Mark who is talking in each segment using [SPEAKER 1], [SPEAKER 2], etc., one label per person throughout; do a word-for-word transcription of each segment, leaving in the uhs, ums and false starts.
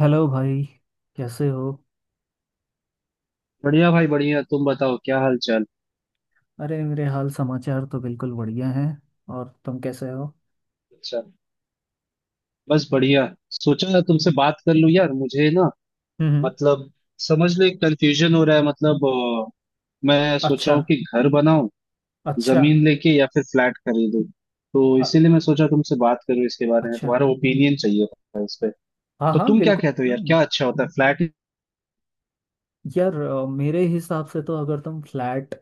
[SPEAKER 1] Hello भाई। कैसे हो?
[SPEAKER 2] बढ़िया भाई बढ़िया। तुम बताओ क्या हाल चाल।
[SPEAKER 1] अरे मेरे हाल समाचार तो बिल्कुल बढ़िया हैं। और तुम कैसे हो?
[SPEAKER 2] अच्छा, बस बढ़िया। सोचा ना तुमसे बात कर लूं यार। मुझे ना
[SPEAKER 1] हम्म।
[SPEAKER 2] मतलब समझ लो एक कंफ्यूजन हो रहा है, मतलब अ, मैं सोच
[SPEAKER 1] अच्छा।
[SPEAKER 2] रहा हूँ कि घर बनाऊं,
[SPEAKER 1] अच्छा।
[SPEAKER 2] जमीन लेके या फिर फ्लैट खरीदूं। तो
[SPEAKER 1] अ-
[SPEAKER 2] इसीलिए मैं सोचा तुमसे बात करूं इसके बारे में,
[SPEAKER 1] अच्छा।
[SPEAKER 2] तुम्हारा ओपिनियन चाहिए था इस पे।
[SPEAKER 1] हाँ
[SPEAKER 2] तो
[SPEAKER 1] हाँ,
[SPEAKER 2] तुम क्या
[SPEAKER 1] बिल्कुल,
[SPEAKER 2] कहते हो
[SPEAKER 1] क्यों
[SPEAKER 2] यार,
[SPEAKER 1] नहीं।
[SPEAKER 2] क्या अच्छा होता है फ्लैट?
[SPEAKER 1] यार अ, मेरे हिसाब से तो अगर तुम फ्लैट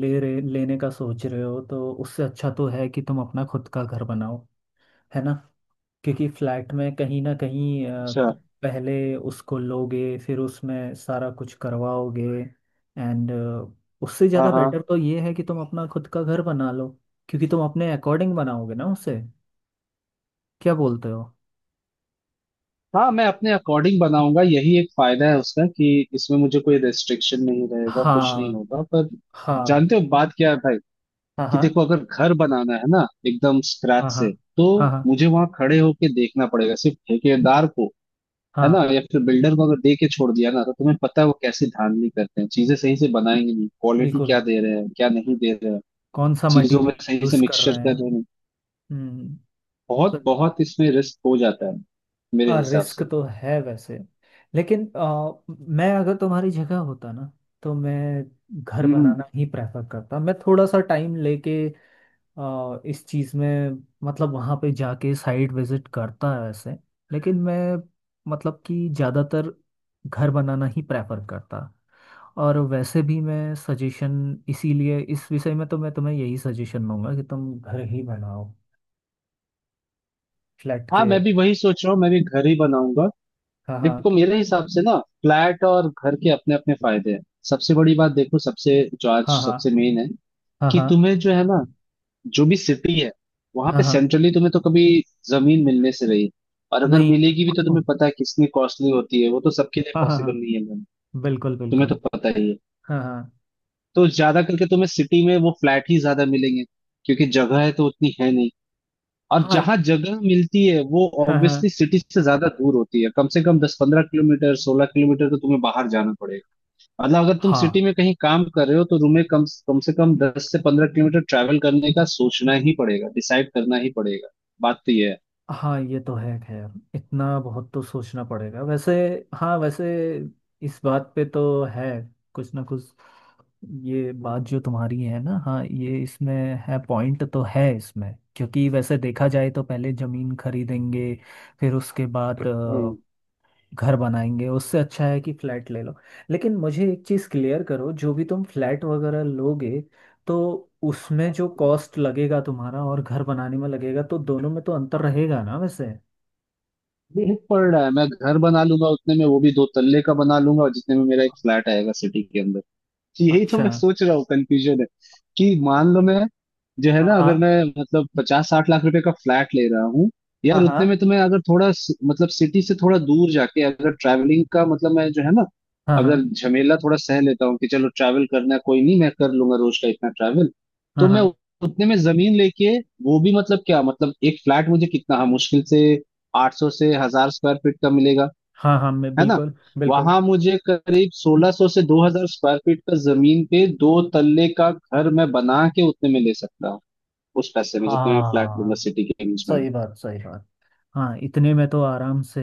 [SPEAKER 1] ले रहे लेने का सोच रहे हो तो उससे अच्छा तो है कि तुम अपना खुद का घर बनाओ। है ना। क्योंकि फ्लैट में कहीं ना कहीं अ,
[SPEAKER 2] अच्छा।
[SPEAKER 1] तुम पहले उसको लोगे फिर उसमें सारा कुछ करवाओगे एंड उससे
[SPEAKER 2] हाँ
[SPEAKER 1] ज़्यादा
[SPEAKER 2] हाँ।
[SPEAKER 1] बेटर तो ये है कि तुम अपना खुद का घर बना लो। क्योंकि तुम अपने अकॉर्डिंग बनाओगे ना उसे। क्या बोलते हो?
[SPEAKER 2] हाँ मैं अपने अकॉर्डिंग बनाऊंगा, यही एक फायदा है उसका कि इसमें मुझे कोई रेस्ट्रिक्शन नहीं रहेगा, कुछ नहीं
[SPEAKER 1] हाँ
[SPEAKER 2] होगा। पर
[SPEAKER 1] हाँ
[SPEAKER 2] जानते हो बात क्या है भाई,
[SPEAKER 1] हाँ
[SPEAKER 2] कि
[SPEAKER 1] हाँ
[SPEAKER 2] देखो अगर घर बनाना है ना एकदम स्क्रैच
[SPEAKER 1] हाँ हाँ
[SPEAKER 2] से, तो
[SPEAKER 1] हाँ हाँ
[SPEAKER 2] मुझे वहां खड़े होके देखना पड़ेगा सिर्फ ठेकेदार को, है ना।
[SPEAKER 1] हाँ।
[SPEAKER 2] या फिर बिल्डर को अगर दे के छोड़ दिया ना तो तुम्हें पता है वो कैसे धांधली करते हैं, चीजें सही से बनाएंगे नहीं, क्वालिटी
[SPEAKER 1] बिल्कुल।
[SPEAKER 2] क्या दे रहे हैं क्या नहीं दे रहे हैं,
[SPEAKER 1] कौन सा
[SPEAKER 2] चीजों में
[SPEAKER 1] मटेरियल
[SPEAKER 2] सही से
[SPEAKER 1] यूज़ कर
[SPEAKER 2] मिक्सचर
[SPEAKER 1] रहे
[SPEAKER 2] कर
[SPEAKER 1] हैं।
[SPEAKER 2] रहे हैं नहीं।
[SPEAKER 1] हम्म।
[SPEAKER 2] बहुत
[SPEAKER 1] सही बात।
[SPEAKER 2] बहुत इसमें रिस्क हो जाता है मेरे
[SPEAKER 1] हाँ
[SPEAKER 2] हिसाब
[SPEAKER 1] रिस्क
[SPEAKER 2] से।
[SPEAKER 1] तो है वैसे। लेकिन अ, मैं अगर तुम्हारी जगह होता ना तो मैं घर
[SPEAKER 2] हम्म।
[SPEAKER 1] बनाना ही प्रेफर करता। मैं थोड़ा सा टाइम लेके अ, इस चीज़ में मतलब वहाँ पे जाके साइट विजिट करता है वैसे। लेकिन मैं मतलब कि ज़्यादातर घर बनाना ही प्रेफर करता। और वैसे भी मैं सजेशन, इसीलिए इस विषय में तो मैं तुम्हें यही सजेशन दूंगा कि तुम घर ही बनाओ फ्लैट
[SPEAKER 2] हाँ
[SPEAKER 1] के।
[SPEAKER 2] मैं भी वही सोच रहा हूँ, मैं भी घर ही बनाऊंगा।
[SPEAKER 1] हाँ हाँ
[SPEAKER 2] देखो मेरे हिसाब से ना, फ्लैट और घर के अपने अपने फायदे हैं। सबसे बड़ी बात देखो, सबसे जो आज
[SPEAKER 1] हाँ हाँ
[SPEAKER 2] सबसे मेन है
[SPEAKER 1] हाँ
[SPEAKER 2] कि
[SPEAKER 1] हाँ
[SPEAKER 2] तुम्हें जो है ना, जो भी सिटी है वहां
[SPEAKER 1] हाँ
[SPEAKER 2] पे
[SPEAKER 1] हाँ हाँ।
[SPEAKER 2] सेंट्रली तुम्हें तो कभी जमीन मिलने से रही। और अगर
[SPEAKER 1] नहीं।
[SPEAKER 2] मिलेगी भी तो तुम्हें पता है कितनी कॉस्टली होती है, वो तो सबके लिए
[SPEAKER 1] हाँ हाँ
[SPEAKER 2] पॉसिबल नहीं है
[SPEAKER 1] हाँ।
[SPEAKER 2] मैम,
[SPEAKER 1] बिल्कुल
[SPEAKER 2] तुम्हें तो
[SPEAKER 1] बिल्कुल।
[SPEAKER 2] पता ही है।
[SPEAKER 1] हाँ हाँ
[SPEAKER 2] तो ज्यादा करके तुम्हें सिटी में वो फ्लैट ही ज्यादा मिलेंगे, क्योंकि जगह है तो उतनी है नहीं। और
[SPEAKER 1] हाँ
[SPEAKER 2] जहां जगह मिलती है वो
[SPEAKER 1] हाँ हाँ
[SPEAKER 2] ऑब्वियसली सिटी से ज्यादा दूर होती है, कम से कम दस पंद्रह किलोमीटर सोलह किलोमीटर तो तुम्हें बाहर जाना पड़ेगा। मतलब अगर तुम
[SPEAKER 1] हाँ
[SPEAKER 2] सिटी में कहीं काम कर रहे हो तो तुम्हें कम कम से कम दस से पंद्रह किलोमीटर ट्रैवल करने का सोचना ही पड़ेगा, डिसाइड करना ही पड़ेगा। बात तो ये है।
[SPEAKER 1] हाँ ये तो है खैर। इतना बहुत तो सोचना पड़ेगा वैसे। हाँ वैसे इस बात पे तो है कुछ ना कुछ। ये बात जो तुम्हारी है ना, हाँ, ये इसमें है, पॉइंट तो है इसमें। क्योंकि वैसे देखा जाए तो पहले जमीन खरीदेंगे फिर उसके बाद
[SPEAKER 2] हम्म
[SPEAKER 1] घर बनाएंगे, उससे अच्छा है कि फ्लैट ले लो। लेकिन मुझे एक चीज़ क्लियर करो, जो भी तुम फ्लैट वगैरह लोगे तो उसमें जो कॉस्ट लगेगा तुम्हारा और घर बनाने में लगेगा तो दोनों में तो अंतर रहेगा ना वैसे।
[SPEAKER 2] ये पड़ रहा है मैं घर बना लूंगा उतने में, वो भी दो तल्ले का बना लूंगा, और जितने में मेरा एक फ्लैट आएगा सिटी के अंदर। तो यही तो
[SPEAKER 1] अच्छा।
[SPEAKER 2] मैं सोच रहा हूँ, कंफ्यूजन है कि मान लो मैं, जो है
[SPEAKER 1] हाँ
[SPEAKER 2] ना,
[SPEAKER 1] हाँ
[SPEAKER 2] अगर मैं मतलब पचास साठ लाख रुपए का फ्लैट ले रहा हूँ,
[SPEAKER 1] हाँ
[SPEAKER 2] यार
[SPEAKER 1] हाँ
[SPEAKER 2] उतने में तो मैं अगर थोड़ा सि- मतलब सिटी से थोड़ा दूर जाके अगर ट्रैवलिंग का मतलब, मैं जो है ना,
[SPEAKER 1] हाँ हाँ
[SPEAKER 2] अगर झमेला थोड़ा सह लेता हूँ कि चलो ट्रैवल करना है कोई नहीं मैं कर लूंगा रोज का इतना ट्रैवल,
[SPEAKER 1] हाँ
[SPEAKER 2] तो मैं
[SPEAKER 1] हाँ
[SPEAKER 2] उतने में जमीन लेके, वो भी मतलब क्या, मतलब एक फ्लैट मुझे कितना, हाँ मुश्किल से आठ सौ से हजार स्क्वायर फीट का मिलेगा,
[SPEAKER 1] हाँ हाँ मैं
[SPEAKER 2] है ना।
[SPEAKER 1] बिल्कुल बिल्कुल।
[SPEAKER 2] वहां मुझे करीब सोलह सौ से दो हजार स्क्वायर फीट का जमीन पे दो तल्ले का घर मैं बना के उतने में ले सकता हूँ, उस पैसे में जितने में फ्लैट लूंगा
[SPEAKER 1] हाँ
[SPEAKER 2] सिटी के बीच में।
[SPEAKER 1] सही बात सही बात। हाँ इतने में तो आराम से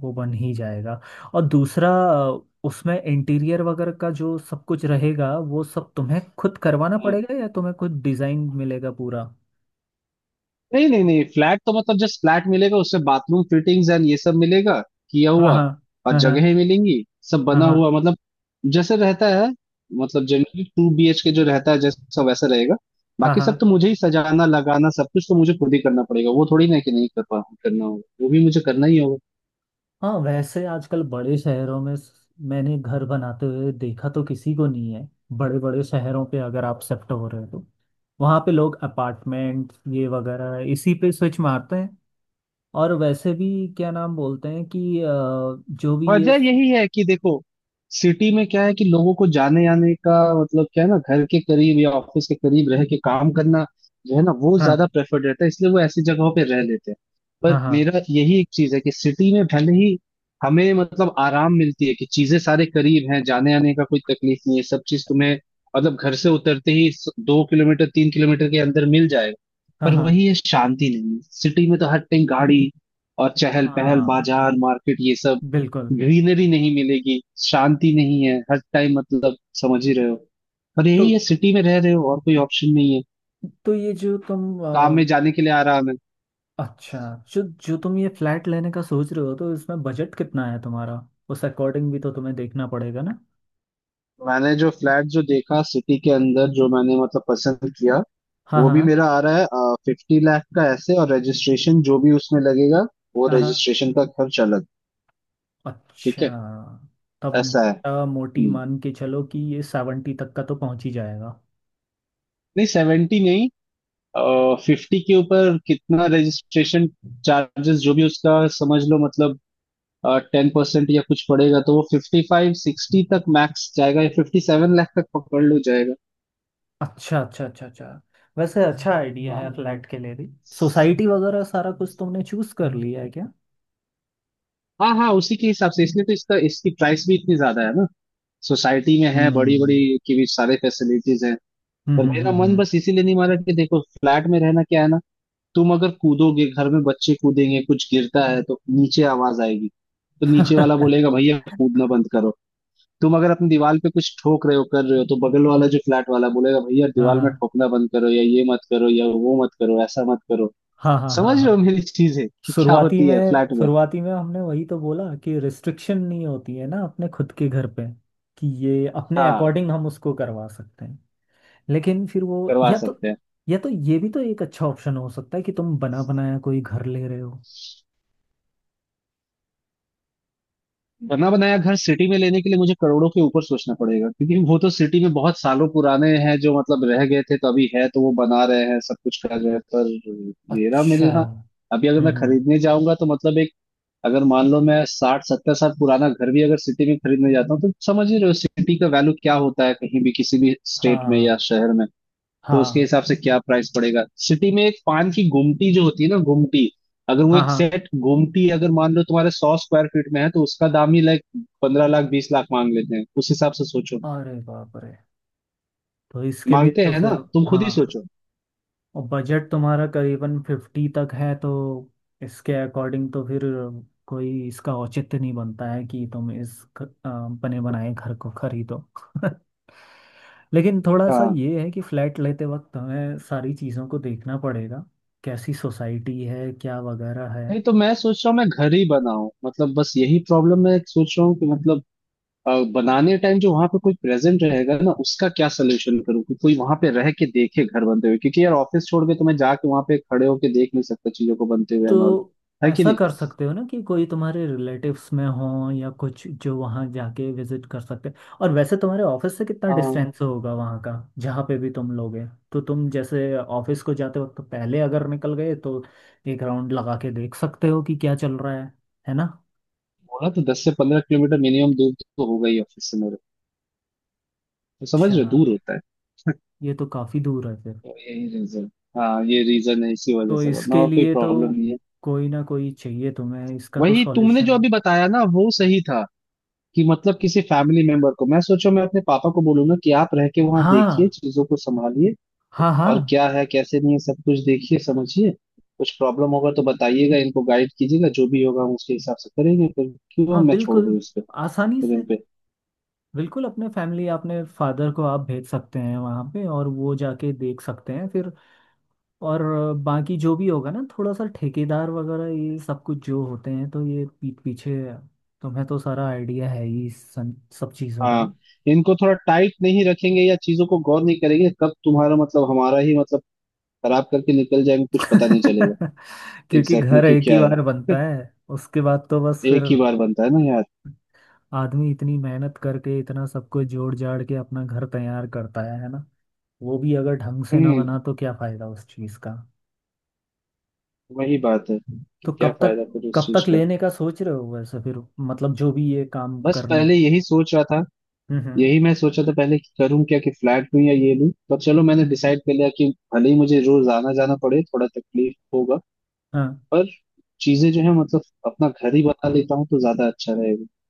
[SPEAKER 1] वो बन ही जाएगा। और दूसरा अ, उसमें इंटीरियर वगैरह का जो सब कुछ रहेगा वो सब तुम्हें खुद करवाना
[SPEAKER 2] हम्म,
[SPEAKER 1] पड़ेगा या तुम्हें खुद डिजाइन मिलेगा पूरा।
[SPEAKER 2] नहीं नहीं नहीं, फ्लैट तो मतलब जस्ट फ्लैट मिलेगा, उसमें बाथरूम फिटिंग्स एंड ये सब मिलेगा किया
[SPEAKER 1] हाँ
[SPEAKER 2] हुआ,
[SPEAKER 1] हाँ
[SPEAKER 2] और
[SPEAKER 1] हाँ हाँ
[SPEAKER 2] जगहें मिलेंगी, सब
[SPEAKER 1] हाँ
[SPEAKER 2] बना
[SPEAKER 1] हाँ
[SPEAKER 2] हुआ, मतलब जैसे रहता है, मतलब generally two B H K जो रहता है जैसा वैसा रहेगा।
[SPEAKER 1] हाँ
[SPEAKER 2] बाकी
[SPEAKER 1] हाँ।
[SPEAKER 2] सब तो मुझे ही सजाना लगाना सब कुछ तो मुझे खुद ही करना पड़ेगा, वो थोड़ी ना है कि नहीं कर पा, करना होगा वो भी मुझे करना ही होगा।
[SPEAKER 1] हाँ वैसे आजकल बड़े शहरों में स- मैंने घर बनाते हुए देखा तो किसी को नहीं है। बड़े बड़े शहरों पे अगर आप शिफ्ट हो रहे हो तो वहाँ पे लोग अपार्टमेंट ये वगैरह इसी पे स्विच मारते हैं। और वैसे भी क्या नाम बोलते हैं कि अ, जो भी ये,
[SPEAKER 2] वजह यही है कि देखो सिटी में क्या है कि लोगों को जाने आने का, मतलब क्या है ना, घर के करीब या ऑफिस के करीब रह के काम करना जो है ना वो ज्यादा
[SPEAKER 1] हाँ
[SPEAKER 2] प्रेफर्ड रहता है, इसलिए वो ऐसी जगहों पे रह लेते हैं। पर
[SPEAKER 1] हाँ हाँ
[SPEAKER 2] मेरा यही एक चीज है कि सिटी में भले ही हमें मतलब आराम मिलती है कि चीजें सारे करीब हैं, जाने आने का कोई तकलीफ नहीं है, सब चीज तुम्हें मतलब घर से उतरते ही स- दो किलोमीटर तीन किलोमीटर के अंदर मिल जाएगा।
[SPEAKER 1] हाँ
[SPEAKER 2] पर
[SPEAKER 1] हाँ
[SPEAKER 2] वही है, शांति नहीं है सिटी में, तो हर टाइम गाड़ी और चहल पहल
[SPEAKER 1] हाँ।
[SPEAKER 2] बाजार मार्केट ये सब,
[SPEAKER 1] बिल्कुल।
[SPEAKER 2] ग्रीनरी नहीं मिलेगी, शांति नहीं है हर टाइम, मतलब समझ ही रहे हो। और
[SPEAKER 1] तो
[SPEAKER 2] यही है सिटी में रह रहे हो और कोई ऑप्शन नहीं है,
[SPEAKER 1] तो ये जो तुम
[SPEAKER 2] काम
[SPEAKER 1] अ,
[SPEAKER 2] में जाने के लिए आराम है।
[SPEAKER 1] अच्छा, जो जो तुम ये फ्लैट लेने का सोच रहे हो तो इसमें बजट कितना है तुम्हारा। उस अकॉर्डिंग भी तो तुम्हें देखना पड़ेगा ना।
[SPEAKER 2] मैंने जो फ्लैट जो देखा सिटी के अंदर, जो मैंने मतलब पसंद किया,
[SPEAKER 1] हाँ
[SPEAKER 2] वो भी
[SPEAKER 1] हाँ
[SPEAKER 2] मेरा आ रहा है फिफ्टी लाख का ऐसे, और रजिस्ट्रेशन जो भी उसमें लगेगा, वो
[SPEAKER 1] हाँ हाँ।
[SPEAKER 2] रजिस्ट्रेशन का खर्च अलग।
[SPEAKER 1] अच्छा,
[SPEAKER 2] ठीक है।
[SPEAKER 1] तब
[SPEAKER 2] ऐसा है।
[SPEAKER 1] मोटा मोटी
[SPEAKER 2] हम्म
[SPEAKER 1] मान के चलो कि ये सेवेंटी तक का तो पहुंच ही जाएगा।
[SPEAKER 2] नहीं सेवेंटी नहीं, फिफ्टी के ऊपर कितना रजिस्ट्रेशन चार्जेस जो भी उसका, समझ लो मतलब टेन परसेंट या कुछ पड़ेगा तो वो फिफ्टी फाइव सिक्सटी तक मैक्स जाएगा, या फिफ्टी सेवन लाख तक पकड़ लो जाएगा।
[SPEAKER 1] अच्छा अच्छा अच्छा अच्छा वैसे अच्छा आइडिया
[SPEAKER 2] वाह।
[SPEAKER 1] है फ्लैट के लिए भी। सोसाइटी वगैरह सारा कुछ तुमने चूज कर लिया है क्या?
[SPEAKER 2] हाँ हाँ, उसी के हिसाब से, इसलिए तो इसका इसकी प्राइस भी इतनी ज्यादा है ना, सोसाइटी में है बड़ी
[SPEAKER 1] हम्म
[SPEAKER 2] बड़ी की भी सारे फैसिलिटीज हैं।
[SPEAKER 1] हम्म
[SPEAKER 2] पर
[SPEAKER 1] हम्म
[SPEAKER 2] मेरा मन
[SPEAKER 1] हम्म
[SPEAKER 2] बस इसीलिए नहीं मारा कि देखो फ्लैट में रहना क्या है ना, तुम अगर कूदोगे घर में, बच्चे कूदेंगे, कुछ गिरता है तो नीचे आवाज आएगी तो नीचे वाला
[SPEAKER 1] हम्म।
[SPEAKER 2] बोलेगा भैया कूदना बंद करो। तुम अगर अपनी दीवार पे कुछ ठोक रहे हो कर रहे हो तो बगल वाला जो फ्लैट वाला बोलेगा भैया
[SPEAKER 1] हाँ
[SPEAKER 2] दीवार
[SPEAKER 1] हाँ
[SPEAKER 2] में ठोकना बंद करो, या ये मत करो या वो मत करो ऐसा मत करो।
[SPEAKER 1] हाँ हाँ
[SPEAKER 2] समझ
[SPEAKER 1] हाँ
[SPEAKER 2] रहे
[SPEAKER 1] हाँ।
[SPEAKER 2] हो मेरी चीज है कि क्या
[SPEAKER 1] शुरुआती
[SPEAKER 2] होती है
[SPEAKER 1] में,
[SPEAKER 2] फ्लैट में।
[SPEAKER 1] शुरुआती में हमने वही तो बोला कि रिस्ट्रिक्शन नहीं होती है ना अपने खुद के घर पे, कि ये अपने
[SPEAKER 2] हाँ
[SPEAKER 1] अकॉर्डिंग हम उसको करवा सकते हैं। लेकिन फिर वो,
[SPEAKER 2] करवा
[SPEAKER 1] या तो
[SPEAKER 2] सकते हैं।
[SPEAKER 1] या तो ये भी तो एक अच्छा ऑप्शन हो सकता है कि तुम बना बनाया कोई घर ले रहे हो।
[SPEAKER 2] बना बनाया घर सिटी में लेने के लिए मुझे करोड़ों के ऊपर सोचना पड़ेगा, क्योंकि वो तो सिटी में बहुत सालों पुराने हैं जो मतलब रह गए थे, तो अभी है तो वो बना रहे हैं सब कुछ कर रहे हैं, पर मेरा
[SPEAKER 1] अच्छा।
[SPEAKER 2] मिलना अभी अगर मैं
[SPEAKER 1] हम्म।
[SPEAKER 2] खरीदने जाऊंगा, तो मतलब एक, अगर मान लो मैं साठ सत्तर साल पुराना घर भी अगर सिटी में खरीदने जाता हूँ, तो समझ ही रहे हो सिटी का वैल्यू क्या होता है कहीं भी किसी भी स्टेट में या
[SPEAKER 1] हाँ
[SPEAKER 2] शहर में, तो उसके
[SPEAKER 1] हाँ
[SPEAKER 2] हिसाब से क्या प्राइस पड़ेगा सिटी में। एक पान की गुमटी जो होती है ना गुमटी, अगर वो
[SPEAKER 1] हाँ
[SPEAKER 2] एक
[SPEAKER 1] हाँ।
[SPEAKER 2] सेट गुमटी अगर मान लो तुम्हारे सौ स्क्वायर फीट में है तो उसका दाम ही लाइक पंद्रह लाख बीस लाख मांग लेते हैं, उस हिसाब से सोचो,
[SPEAKER 1] अरे बाप रे। तो इसके लिए
[SPEAKER 2] मांगते
[SPEAKER 1] तो
[SPEAKER 2] हैं
[SPEAKER 1] फिर,
[SPEAKER 2] ना, तुम खुद ही
[SPEAKER 1] हाँ,
[SPEAKER 2] सोचो।
[SPEAKER 1] और बजट तुम्हारा करीबन फिफ्टी तक है तो इसके अकॉर्डिंग तो फिर कोई इसका औचित्य नहीं बनता है कि तुम इस ख- अ, बने बनाए घर को खरीदो। लेकिन थोड़ा सा
[SPEAKER 2] हाँ
[SPEAKER 1] ये है कि फ्लैट लेते वक्त हमें सारी चीज़ों को देखना पड़ेगा कैसी सोसाइटी है क्या वगैरह है।
[SPEAKER 2] नहीं तो मैं सोच रहा हूँ मैं घर ही बनाऊं, मतलब बस यही प्रॉब्लम मैं सोच रहा हूँ कि मतलब अ, बनाने टाइम जो वहां पे कोई प्रेजेंट रहेगा ना उसका क्या सोल्यूशन करूँ कि कोई वहां पे रह के देखे घर बनते हुए, क्योंकि यार ऑफिस छोड़ के तो मैं जाके वहां पे खड़े होके देख नहीं सकता चीजों को बनते हुए एंड ऑल।
[SPEAKER 1] तो
[SPEAKER 2] है कि
[SPEAKER 1] ऐसा
[SPEAKER 2] नहीं।
[SPEAKER 1] कर सकते हो ना कि कोई तुम्हारे रिलेटिव्स में हो या कुछ जो वहाँ जाके विजिट कर सकते हैं। और वैसे तुम्हारे ऑफिस से कितना
[SPEAKER 2] अ,
[SPEAKER 1] डिस्टेंस होगा वहाँ का, जहाँ पे भी तुम लोगे। तो तुम जैसे ऑफिस को जाते वक्त पहले अगर निकल गए तो एक राउंड लगा के देख सकते हो कि क्या चल रहा है। है ना।
[SPEAKER 2] बोला तो दस से पंद्रह किलोमीटर मिनिमम दूर तो होगा ही ऑफिस से मेरे, तो समझ
[SPEAKER 1] अच्छा
[SPEAKER 2] रहे हो, दूर होता है।
[SPEAKER 1] ये तो काफ़ी दूर है फिर।
[SPEAKER 2] तो यही रीजन, हाँ ये रीजन है, इसी वजह
[SPEAKER 1] तो
[SPEAKER 2] से, वरना
[SPEAKER 1] इसके
[SPEAKER 2] और कोई
[SPEAKER 1] लिए तो
[SPEAKER 2] प्रॉब्लम नहीं है।
[SPEAKER 1] कोई ना कोई चाहिए तुम्हें इसका तो
[SPEAKER 2] वही तुमने जो
[SPEAKER 1] सॉल्यूशन।
[SPEAKER 2] अभी बताया ना वो सही था, कि मतलब किसी फैमिली मेंबर को, मैं सोचो मैं अपने पापा को बोलूंगा कि आप रह के वहां देखिए
[SPEAKER 1] हाँ
[SPEAKER 2] चीजों को संभालिए,
[SPEAKER 1] हाँ हाँ
[SPEAKER 2] और क्या है कैसे नहीं है सब कुछ देखिए समझिए, कुछ प्रॉब्लम होगा तो बताइएगा इनको गाइड कीजिएगा, जो भी होगा हम उसके हिसाब से करेंगे फिर। क्यों
[SPEAKER 1] हाँ।
[SPEAKER 2] मैं छोड़
[SPEAKER 1] बिल्कुल।
[SPEAKER 2] दूँ इस पे,
[SPEAKER 1] आसानी
[SPEAKER 2] फिर इन
[SPEAKER 1] से
[SPEAKER 2] पे।
[SPEAKER 1] बिल्कुल अपने फैमिली, अपने फादर को आप भेज सकते हैं वहाँ पे और वो जाके देख सकते हैं फिर। और बाकी जो भी होगा ना, थोड़ा सा ठेकेदार वगैरह ये सब कुछ जो होते हैं तो ये पीठ पीछे। तुम्हें तो सारा आइडिया है ही इस सन- सब चीज़ों का ना।
[SPEAKER 2] हाँ इनको थोड़ा टाइट नहीं रखेंगे या चीजों को गौर नहीं करेंगे, कब तुम्हारा मतलब हमारा ही मतलब खराब करके निकल जाएंगे कुछ पता नहीं चलेगा।
[SPEAKER 1] क्योंकि
[SPEAKER 2] एग्जैक्टली
[SPEAKER 1] घर
[SPEAKER 2] exactly, कि
[SPEAKER 1] एक ही
[SPEAKER 2] क्या है,
[SPEAKER 1] बार बनता है। उसके बाद तो बस फिर
[SPEAKER 2] एक ही बार बनता है ना यार।
[SPEAKER 1] आदमी इतनी मेहनत करके इतना सब कुछ जोड़ जाड़ के अपना घर तैयार करता है है ना। वो भी अगर ढंग से ना
[SPEAKER 2] हम्म।
[SPEAKER 1] बना तो क्या फायदा उस चीज़ का।
[SPEAKER 2] वही बात है कि
[SPEAKER 1] तो
[SPEAKER 2] क्या
[SPEAKER 1] कब तक
[SPEAKER 2] फायदा फिर उस
[SPEAKER 1] कब तक
[SPEAKER 2] चीज का।
[SPEAKER 1] लेने का सोच रहे हो वैसे फिर, मतलब जो भी ये काम
[SPEAKER 2] बस
[SPEAKER 1] करने।
[SPEAKER 2] पहले यही सोच रहा था,
[SPEAKER 1] हम्म हम्म,
[SPEAKER 2] यही मैं सोचा था पहले कि करूं क्या, कि फ्लैट लूं या ये लूं, पर चलो मैंने डिसाइड कर लिया कि भले ही मुझे रोज आना जाना पड़े थोड़ा तकलीफ होगा,
[SPEAKER 1] हाँ,
[SPEAKER 2] पर चीजें जो है मतलब अपना घर ही बना लेता हूँ तो ज्यादा अच्छा रहेगा,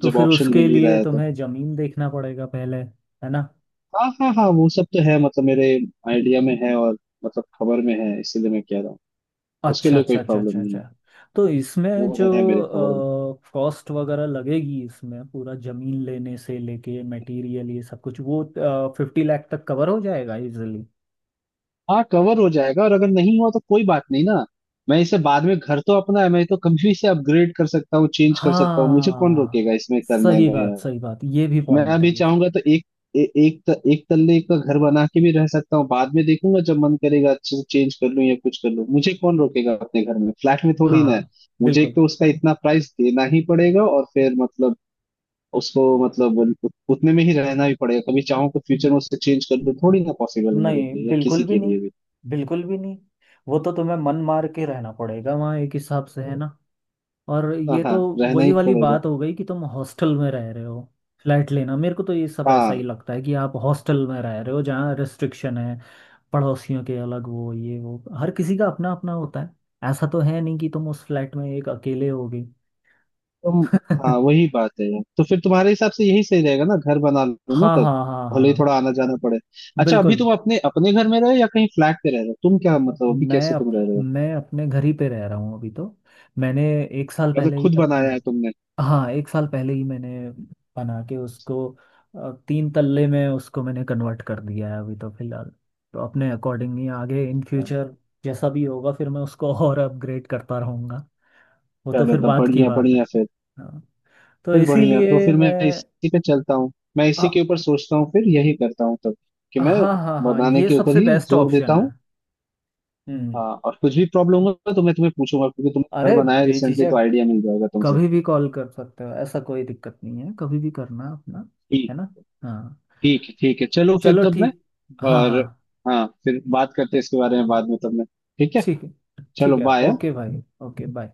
[SPEAKER 1] तो
[SPEAKER 2] जब
[SPEAKER 1] फिर
[SPEAKER 2] ऑप्शन
[SPEAKER 1] उसके
[SPEAKER 2] मिल ही रहा
[SPEAKER 1] लिए
[SPEAKER 2] है तो।
[SPEAKER 1] तुम्हें जमीन देखना पड़ेगा पहले। है ना।
[SPEAKER 2] हाँ हाँ हाँ, वो सब तो है मतलब मेरे आइडिया में है, और मतलब खबर में है, इसीलिए मैं कह रहा हूँ, उसके
[SPEAKER 1] अच्छा
[SPEAKER 2] लिए कोई
[SPEAKER 1] अच्छा अच्छा
[SPEAKER 2] प्रॉब्लम
[SPEAKER 1] अच्छा
[SPEAKER 2] नहीं
[SPEAKER 1] अच्छा।
[SPEAKER 2] है,
[SPEAKER 1] तो इसमें
[SPEAKER 2] वो
[SPEAKER 1] जो
[SPEAKER 2] है मेरे खबर में।
[SPEAKER 1] कॉस्ट वगैरह लगेगी, इसमें पूरा जमीन लेने से लेके मटेरियल ये सब कुछ वो फिफ्टी लाख तक कवर हो जाएगा इजिली।
[SPEAKER 2] हाँ कवर हो जाएगा, और अगर नहीं हुआ तो कोई बात नहीं ना, मैं इसे बाद में, घर तो अपना है, मैं तो कभी भी इसे अपग्रेड कर सकता हूँ चेंज कर सकता हूँ, मुझे कौन
[SPEAKER 1] हाँ
[SPEAKER 2] रोकेगा इसमें करने
[SPEAKER 1] सही बात
[SPEAKER 2] में।
[SPEAKER 1] सही बात, ये भी
[SPEAKER 2] मैं
[SPEAKER 1] पॉइंट है।
[SPEAKER 2] अभी चाहूंगा तो एक ए, एक त, एक तल्ले का घर बना के भी रह सकता हूँ, बाद में देखूंगा जब मन करेगा अच्छे से चेंज कर लूं या कुछ कर लूं, मुझे कौन रोकेगा अपने घर में, फ्लैट में थोड़ी ना है।
[SPEAKER 1] हाँ
[SPEAKER 2] मुझे एक
[SPEAKER 1] बिल्कुल।
[SPEAKER 2] तो उसका इतना प्राइस देना ही पड़ेगा, और फिर मतलब उसको मतलब उत- उतने में ही रहना भी पड़ेगा, कभी चाहूँ तो फ्यूचर में उससे चेंज कर लूं थोड़ी ना पॉसिबल है मेरे
[SPEAKER 1] नहीं
[SPEAKER 2] लिए या
[SPEAKER 1] बिल्कुल
[SPEAKER 2] किसी
[SPEAKER 1] भी
[SPEAKER 2] के
[SPEAKER 1] नहीं।
[SPEAKER 2] लिए भी।
[SPEAKER 1] बिल्कुल भी नहीं। वो तो तुम्हें मन मार के रहना पड़ेगा वहाँ एक हिसाब से। है ना। और
[SPEAKER 2] हाँ
[SPEAKER 1] ये
[SPEAKER 2] हाँ
[SPEAKER 1] तो
[SPEAKER 2] रहना
[SPEAKER 1] वही
[SPEAKER 2] ही
[SPEAKER 1] वाली
[SPEAKER 2] पड़ेगा।
[SPEAKER 1] बात हो गई कि तुम हॉस्टल में रह रहे हो। फ्लैट लेना मेरे को तो ये सब ऐसा ही
[SPEAKER 2] हाँ
[SPEAKER 1] लगता है कि आप हॉस्टल में रह रहे हो जहाँ रिस्ट्रिक्शन है, पड़ोसियों के अलग वो ये वो हर किसी का अपना अपना होता है, ऐसा तो है नहीं कि तुम उस फ्लैट में एक अकेले होगे।
[SPEAKER 2] तुम, हाँ वही बात है यार, तो फिर तुम्हारे हिसाब से यही सही रहेगा ना, घर बना लो ना
[SPEAKER 1] हाँ
[SPEAKER 2] तब,
[SPEAKER 1] हाँ हाँ
[SPEAKER 2] भले ही
[SPEAKER 1] हाँ
[SPEAKER 2] थोड़ा आना जाना पड़े। अच्छा अभी
[SPEAKER 1] बिल्कुल।
[SPEAKER 2] तुम अपने अपने घर में रहे हो या कहीं फ्लैट पे रह रहे हो, तुम क्या मतलब अभी
[SPEAKER 1] मैं
[SPEAKER 2] कैसे
[SPEAKER 1] अप,
[SPEAKER 2] तुम रह रहे हो?
[SPEAKER 1] मैं अपने घर ही पे रह रहा हूँ अभी तो। मैंने एक साल
[SPEAKER 2] मतलब
[SPEAKER 1] पहले ही
[SPEAKER 2] खुद
[SPEAKER 1] अपना
[SPEAKER 2] बनाया है
[SPEAKER 1] घ-
[SPEAKER 2] तुमने?
[SPEAKER 1] हाँ, एक साल पहले ही मैंने बना के उसको अ, तीन तल्ले में उसको मैंने कन्वर्ट कर दिया है अभी तो फिलहाल। तो अपने अकॉर्डिंग ही आगे इन फ्यूचर जैसा भी होगा फिर मैं उसको और अपग्रेड करता रहूँगा। वो तो
[SPEAKER 2] चलो
[SPEAKER 1] फिर
[SPEAKER 2] तब
[SPEAKER 1] बात की
[SPEAKER 2] बढ़िया
[SPEAKER 1] बात है।
[SPEAKER 2] बढ़िया फिर।
[SPEAKER 1] हाँ तो
[SPEAKER 2] फिर बढ़िया, तो
[SPEAKER 1] इसीलिए
[SPEAKER 2] फिर मैं
[SPEAKER 1] मैं,
[SPEAKER 2] इसी पे चलता हूँ, मैं
[SPEAKER 1] हाँ
[SPEAKER 2] इसी के ऊपर सोचता हूँ, फिर यही करता हूँ तब, कि मैं
[SPEAKER 1] हाँ हाँ हाँ
[SPEAKER 2] बनाने
[SPEAKER 1] ये
[SPEAKER 2] के ऊपर
[SPEAKER 1] सबसे
[SPEAKER 2] ही
[SPEAKER 1] बेस्ट
[SPEAKER 2] जोर देता
[SPEAKER 1] ऑप्शन है।
[SPEAKER 2] हूँ।
[SPEAKER 1] हम्म।
[SPEAKER 2] हाँ और कुछ भी प्रॉब्लम होगा तो मैं तुम्हें पूछूंगा, क्योंकि तुमने
[SPEAKER 1] अरे
[SPEAKER 2] घर बनाया रिसेंटली तो
[SPEAKER 1] बेझिझक
[SPEAKER 2] आइडिया मिल जाएगा तुमसे।
[SPEAKER 1] कभी भी कॉल कर सकते हो, ऐसा कोई दिक्कत नहीं है। कभी भी करना अपना। है ना। हाँ।
[SPEAKER 2] ठीक है ठीक है चलो फिर
[SPEAKER 1] चलो
[SPEAKER 2] तब मैं,
[SPEAKER 1] ठीक। हाँ
[SPEAKER 2] और
[SPEAKER 1] हाँ।
[SPEAKER 2] हाँ फिर बात करते हैं इसके बारे में बाद में तब मैं। ठीक है।
[SPEAKER 1] ठीक है।
[SPEAKER 2] चलो
[SPEAKER 1] ठीक है,
[SPEAKER 2] बाय।
[SPEAKER 1] ओके भाई, ओके बाय।